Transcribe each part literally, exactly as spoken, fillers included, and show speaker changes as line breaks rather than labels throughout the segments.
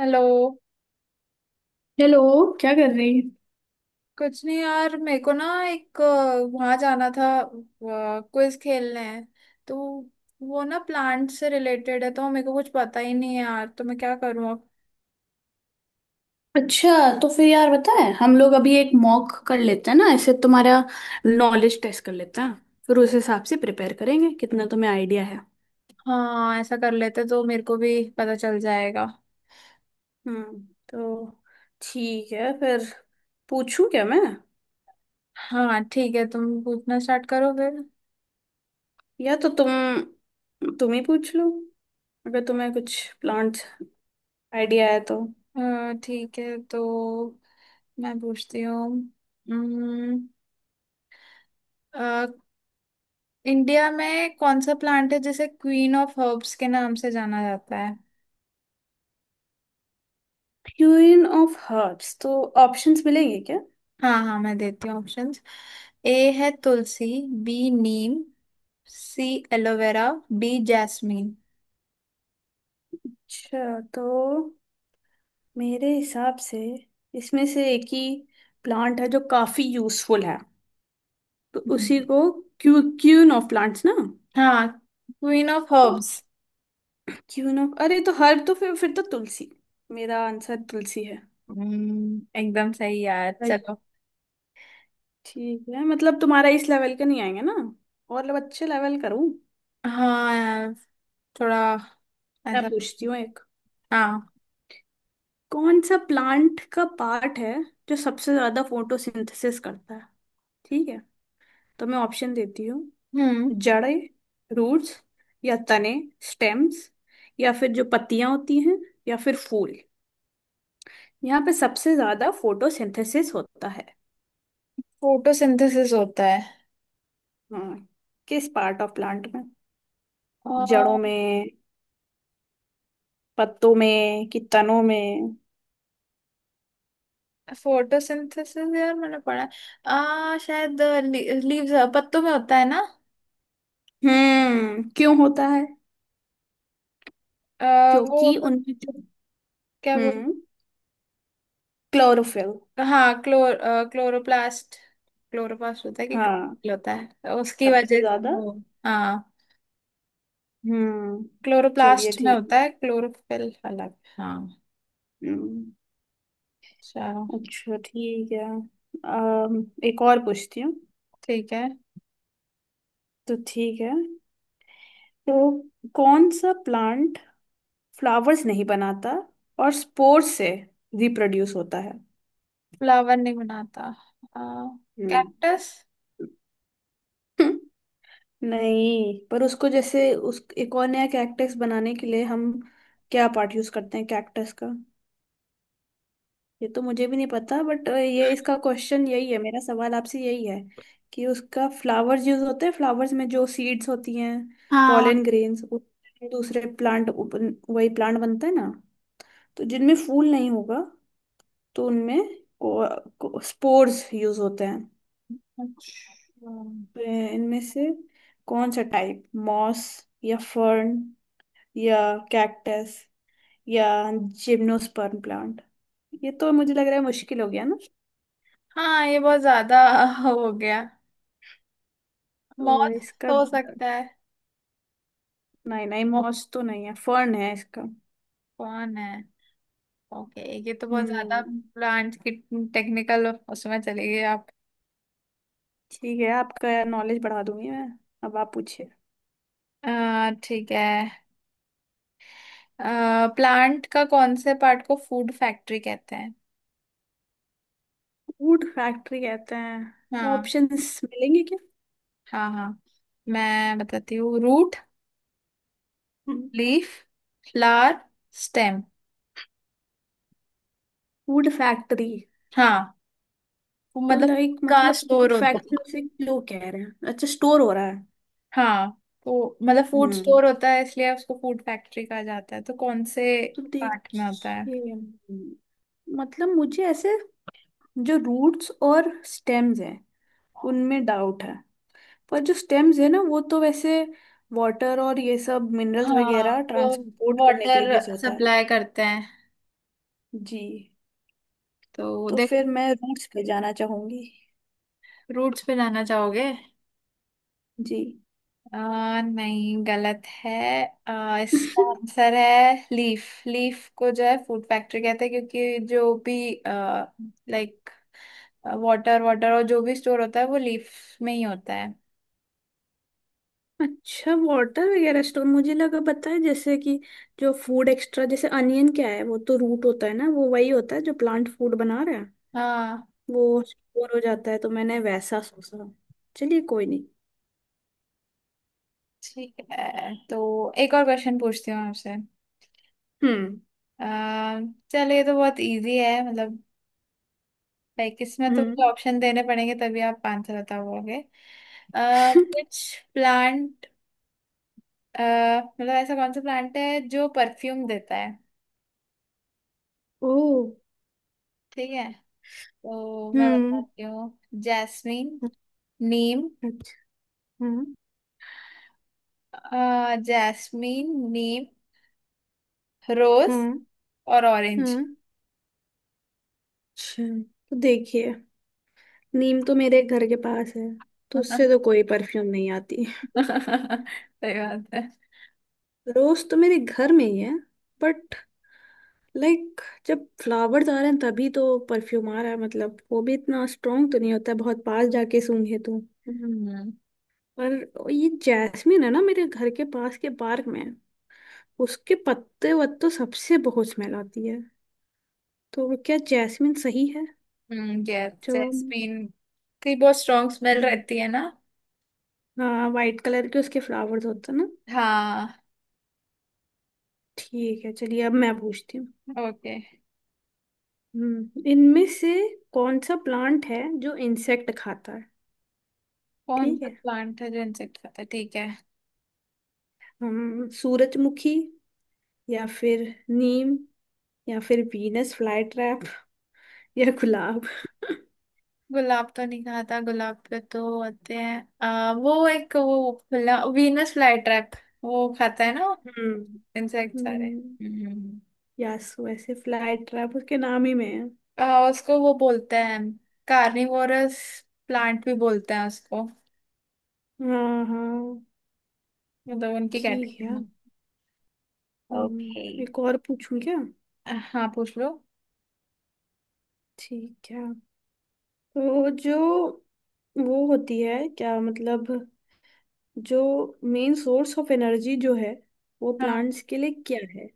Hello.
Hello. क्या कर रही?
कुछ नहीं यार, मेरे को ना एक वहां जाना था, क्विज खेलने है, तो वो ना प्लांट से रिलेटेड है तो मेरे को कुछ पता ही नहीं है यार, तो मैं क्या करूँ अब।
अच्छा, तो फिर यार पता है, हम लोग अभी एक मॉक कर लेते हैं ना ऐसे। तुम्हारा नॉलेज टेस्ट कर लेते हैं, फिर उस हिसाब से प्रिपेयर करेंगे। कितना तुम्हें आइडिया है?
हाँ, ऐसा कर लेते तो मेरे को भी पता चल जाएगा।
हम्म। तो ठीक है फिर, पूछूं क्या मैं?
हाँ ठीक है, तुम पूछना स्टार्ट करो फिर।
या तो तुम तुम ही पूछ लो, अगर तुम्हें कुछ प्लांट आइडिया है तो।
अ, ठीक है, तो मैं पूछती हूँ। उम्म, अ, इंडिया में कौन सा प्लांट है जिसे क्वीन ऑफ हर्ब्स के नाम से जाना जाता है?
यूनियन ऑफ हर्ब्स, तो ऑप्शंस मिलेंगे क्या?
हाँ हाँ, मैं देती हूँ ऑप्शंस। ए है तुलसी, बी नीम, सी एलोवेरा, डी जैस्मीन।
अच्छा, तो मेरे हिसाब से इसमें से एक ही प्लांट है जो काफी यूजफुल है, तो उसी
हम्म,
को क्यू क्यून ऑफ प्लांट्स ना।
हाँ, queen of herbs.
Queen of, अरे तो हर्ब तो फिर फिर तो तुलसी। मेरा आंसर तुलसी है।
हम्म, एकदम सही यार,
राइट।
चलो।
ठीक है, मतलब तुम्हारा इस लेवल का नहीं आएंगे ना, और लोग अच्छे लेवल करूं।
हाँ यार, थोड़ा
मैं
ऐसा।
पूछती हूँ एक।
हाँ।
कौन सा प्लांट का पार्ट है जो सबसे ज्यादा फोटोसिंथेसिस करता है? ठीक है, तो मैं ऑप्शन देती हूँ।
हम्म।
जड़ें, रूट्स, या तने, स्टेम्स, या फिर जो पत्तियां होती हैं, या फिर फूल। यहाँ पे सबसे ज्यादा फोटोसिंथेसिस होता है?
फोटोसिंथेसिस होता है?
हाँ, किस पार्ट ऑफ प्लांट में?
आ,
जड़ों में, पत्तों में कि तनों में?
फोटोसिंथेसिस, यार मैंने पढ़ा है। आ, शायद लीव्स, पत्तों में होता है ना।
हम्म, क्यों होता है?
आ, वो
क्योंकि
कुछ-
उनमें जो,
क्या बोल।
हम्म, क्लोरोफिल।
हाँ, क्लोर क्लोरोप्लास्ट। क्लोरोप्लास्ट होता है कि
हाँ,
क्लोरोफिल होता है, उसकी
सबसे
वजह से
ज्यादा।
वो। हाँ,
हम्म। चलिए
क्लोरोप्लास्ट में होता है
ठीक।
क्लोरोफिल अलग। हाँ,
हम्म।
चलो।
अच्छा ठीक है। अम, एक और पूछती हूँ।
ठीक है।
तो ठीक है, तो कौन सा प्लांट फ्लावर्स नहीं बनाता और स्पोर्स से रिप्रोड्यूस होता है?
फ्लावर नहीं बनाता?
हम्म।
कैक्टस।
नहीं, पर उसको जैसे, उस एक और नया कैक्टस बनाने के लिए हम क्या पार्ट यूज करते हैं कैक्टस का? ये तो मुझे भी नहीं पता, बट ये इसका क्वेश्चन यही है, मेरा सवाल आपसे यही है कि उसका फ्लावर्स यूज होते हैं, फ्लावर्स में जो सीड्स होती हैं,
हाँ।
पॉलन ग्रेन्स, दूसरे प्लांट, वही प्लांट बनता है ना। तो जिनमें फूल नहीं होगा, तो उनमें को, स्पोर्स यूज होते हैं।
अच्छा।
तो इनमें से कौन सा टाइप, मॉस या फर्न या कैक्टस या जिम्नोस्पर्म प्लांट? ये तो मुझे लग रहा है मुश्किल हो गया ना।
हाँ, ये बहुत ज्यादा हो गया।
तो
मॉस
इसका,
हो सकता है।
नहीं नहीं, मॉस तो नहीं है, फर्न है इसका।
कौन है? ओके, ये तो बहुत ज्यादा
हम्म।
प्लांट की टेक्निकल उसमें चली गई आप।
ठीक है, आपका नॉलेज बढ़ा दूंगी मैं। अब आप पूछिए।
अ, ठीक है। प्लांट का कौन से पार्ट को फूड फैक्ट्री कहते हैं?
वुड फैक्ट्री कहते हैं?
हाँ
ऑप्शंस मिलेंगे क्या?
हाँ। हाँ, मैं बताती हूँ। Root, leaf, flower, stem.
Wood factory,
हाँ, वो
तो
मतलब
लाइक
का
मतलब
स्टोर
फूड
होता
फैक्ट्री
है।
से क्यों कह रहे हैं, अच्छा स्टोर हो रहा है।
हाँ, तो मतलब फूड
हम्म,
स्टोर होता है इसलिए उसको फूड फैक्ट्री कहा जाता है। तो कौन से
तो
पार्ट में होता है?
देखिए, मतलब मुझे ऐसे जो रूट्स और स्टेम्स हैं उनमें डाउट है। पर जो स्टेम्स है ना, वो तो वैसे वाटर और ये सब मिनरल्स
हाँ,
वगैरह
वो
ट्रांसपोर्ट करने के लिए
वाटर
यूज होता है।
सप्लाई करते हैं।
जी,
तो
तो
देखो,
फिर मैं रूट्स पे जाना चाहूंगी।
रूट्स पे जाना चाहोगे?
जी।
आ, नहीं, गलत है। आ, इसका आंसर है लीफ। लीफ को जो है फूड फैक्ट्री कहते हैं, क्योंकि जो भी लाइक वाटर वाटर और जो भी स्टोर होता है वो लीफ में ही होता है।
अच्छा, वाटर वगैरह स्टोर, मुझे लगा पता है जैसे कि जो फूड एक्स्ट्रा, जैसे अनियन क्या है, वो तो रूट होता है ना, वो वही होता है जो प्लांट फूड बना रहा है,
हाँ
वो स्टोर हो जाता है, तो मैंने वैसा सोचा। चलिए, कोई नहीं।
ठीक है, तो एक और क्वेश्चन पूछती हूँ आपसे।
हम्म।
आ, चलो, ये तो बहुत इजी है मतलब, लाइक इसमें तो मुझे
हम्म।
ऑप्शन देने पड़ेंगे तभी आप आंसर बता पाओगे। अ, कुछ प्लांट, मतलब ऐसा कौन सा प्लांट है जो परफ्यूम देता है?
ओ।
ठीक है, तो मैं
हम्म।
बताती हूँ। जैस्मीन, नीम।
अच्छा। हाँ।
अ, जैस्मीन, नीम, रोज
हाँ।
और ऑरेंज।
हाँ, अच्छा, तो देखिए, नीम तो मेरे घर के पास है, तो उससे
सही
तो कोई परफ्यूम नहीं आती।
बात है।
रोज तो मेरे घर में ही है, बट लाइक जब फ्लावर्स आ रहे हैं तभी तो परफ्यूम आ रहा है, मतलब वो भी इतना स्ट्रॉन्ग तो नहीं होता है, बहुत पास जाके सूंघे तो।
हम्म।
पर ये जैस्मिन है ना, मेरे घर के पास के पार्क में, उसके पत्ते वत्तों सबसे बहुत स्मेल आती है। तो क्या जैस्मिन सही है
हम्म, यस
जवाब?
जैस्मीन की बहुत स्ट्रॉन्ग स्मेल
हम्म,
रहती है ना।
हाँ, वाइट कलर के उसके फ्लावर्स होते हैं ना।
हाँ।
ठीक है, चलिए, अब मैं पूछती हूँ।
ओके।
हम्म, इनमें से कौन सा प्लांट है जो इंसेक्ट खाता है?
कौन
ठीक
सा
है,
प्लांट है जो इंसेक्ट खाता है? ठीक है।
हम सूरजमुखी या फिर नीम या फिर वीनस फ्लाई ट्रैप या गुलाब।
गुलाब तो नहीं खाता, गुलाब पे तो होते हैं आ, वो एक, वो वीनस फ्लाई ट्रैप वो खाता है ना
हम्म।
इंसेक्ट सारे।
हम्म,
हम्म।
यस, वैसे फ्लाई ट्रैप उसके नाम ही में है।
आ, उसको वो बोलते हैं कार्निवोरस प्लांट भी बोलते हैं उसको,
हाँ हाँ।
मतलब उनकी
ठीक
कैटेगरी
है।
में। ओके।
हम्म, एक और पूछूं क्या?
हाँ, पूछ लो।
ठीक है, तो जो वो होती है क्या, मतलब जो मेन सोर्स ऑफ एनर्जी जो है वो
हाँ।
प्लांट्स के लिए क्या है?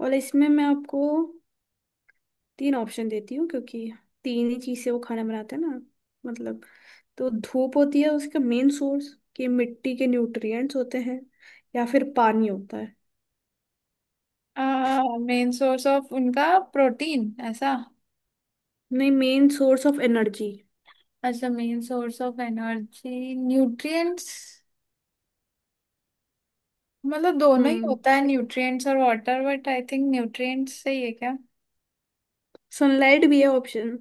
और इसमें मैं आपको तीन ऑप्शन देती हूँ, क्योंकि तीन ही चीज से वो खाना बनाते हैं ना, मतलब। तो धूप होती है उसका मेन सोर्स, कि मिट्टी के न्यूट्रिएंट्स होते हैं, या फिर पानी होता है?
मेन सोर्स ऑफ उनका प्रोटीन ऐसा?
नहीं, मेन सोर्स ऑफ एनर्जी।
अच्छा, main source of energy. Nutrients, मतलब दोनों ही
हम्म,
होता है न्यूट्रिएंट्स और water, but I think nutrients सही है क्या?
सनलाइट भी है ऑप्शन।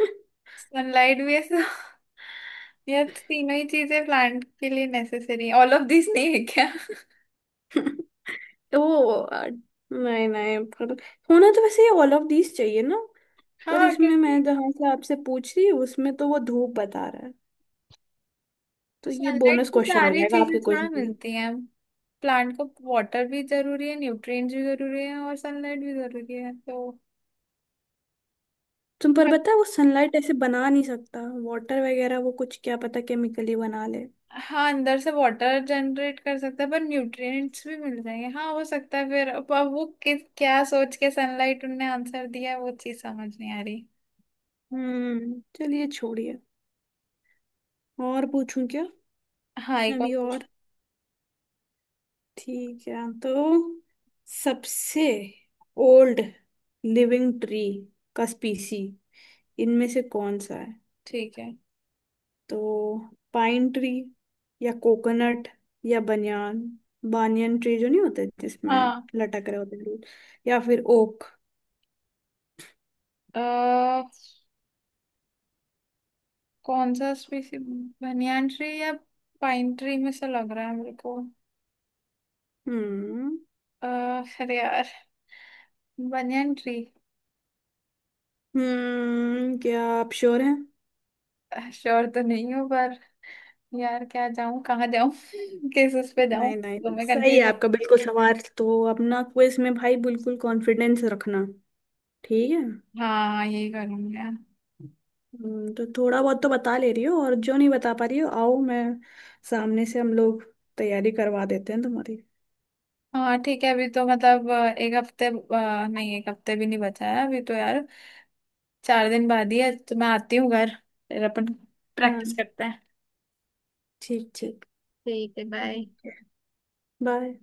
सनलाइट भी है so- ये तीनों ही चीजें प्लांट के लिए नेसेसरी है, ऑल ऑफ दिस नहीं है क्या?
तो वो, अ, नहीं नहीं, पर होना तो वैसे ये ऑल ऑफ दीज चाहिए ना, पर
हाँ
इसमें
क्योंकि
मैं जहाँ से आपसे पूछ रही हूँ उसमें तो वो धूप बता रहा है। तो ये
सनलाइट
बोनस
से
क्वेश्चन हो
सारी
जाएगा
चीजें
आपके क्विज
थोड़ा
में।
मिलती हैं प्लांट को। वाटर भी जरूरी है, न्यूट्रिएंट्स भी जरूरी है और सनलाइट भी जरूरी है तो।
तुम पर पता है, वो सनलाइट ऐसे बना नहीं सकता, वाटर वगैरह वो कुछ क्या पता केमिकली बना ले।
हाँ, अंदर से वाटर जनरेट कर सकता है पर न्यूट्रिएंट्स भी मिल जाएंगे। हाँ हो सकता है। फिर अब अब वो किस क्या सोच के सनलाइट उनने आंसर दिया है, वो चीज समझ नहीं आ रही।
हम्म, चलिए छोड़िए। और पूछूं क्या,
हाँ, एक और
अभी
पूछ।
और? ठीक है, तो सबसे ओल्ड लिविंग ट्री का स्पीसी इनमें से कौन सा है?
ठीक है।
तो पाइन ट्री या कोकोनट या बनियान, बानियन ट्री जो नहीं होते जिसमें
हाँ।
लटक रहे होते हैं root, या फिर ओक।
अह, कौन सा स्पीसी, बनियान ट्री या पाइन ट्री में से लग रहा है मेरे को।
हम्म।
अह, अरे यार, बनियान ट्री।
हम्म, क्या आप श्योर हैं?
श्योर तो नहीं हूँ पर यार, क्या जाऊं कहाँ जाऊं किस उस पे जाऊं
नहीं
तो
नहीं,
मैं
सही है
कंफ्यूज।
आपका बिल्कुल, सवाल तो अपना क्विज में भाई बिल्कुल कॉन्फिडेंस रखना। ठीक है।
हाँ। हाँ, यही करूंगी यार।
हम्म, तो थोड़ा बहुत तो बता ले रही हो, और जो नहीं बता पा रही हो, आओ मैं सामने से हम लोग तैयारी करवा देते हैं तुम्हारी।
हाँ ठीक है। अभी तो मतलब अ, एक हफ्ते, अ, नहीं, एक हफ्ते भी नहीं बचा है अभी तो यार, चार दिन बाद ही है। तो मैं आती हूँ घर, फिर अपन प्रैक्टिस
हाँ,
करते हैं।
ठीक ठीक।
ठीक है, बाय।
Okay, bye.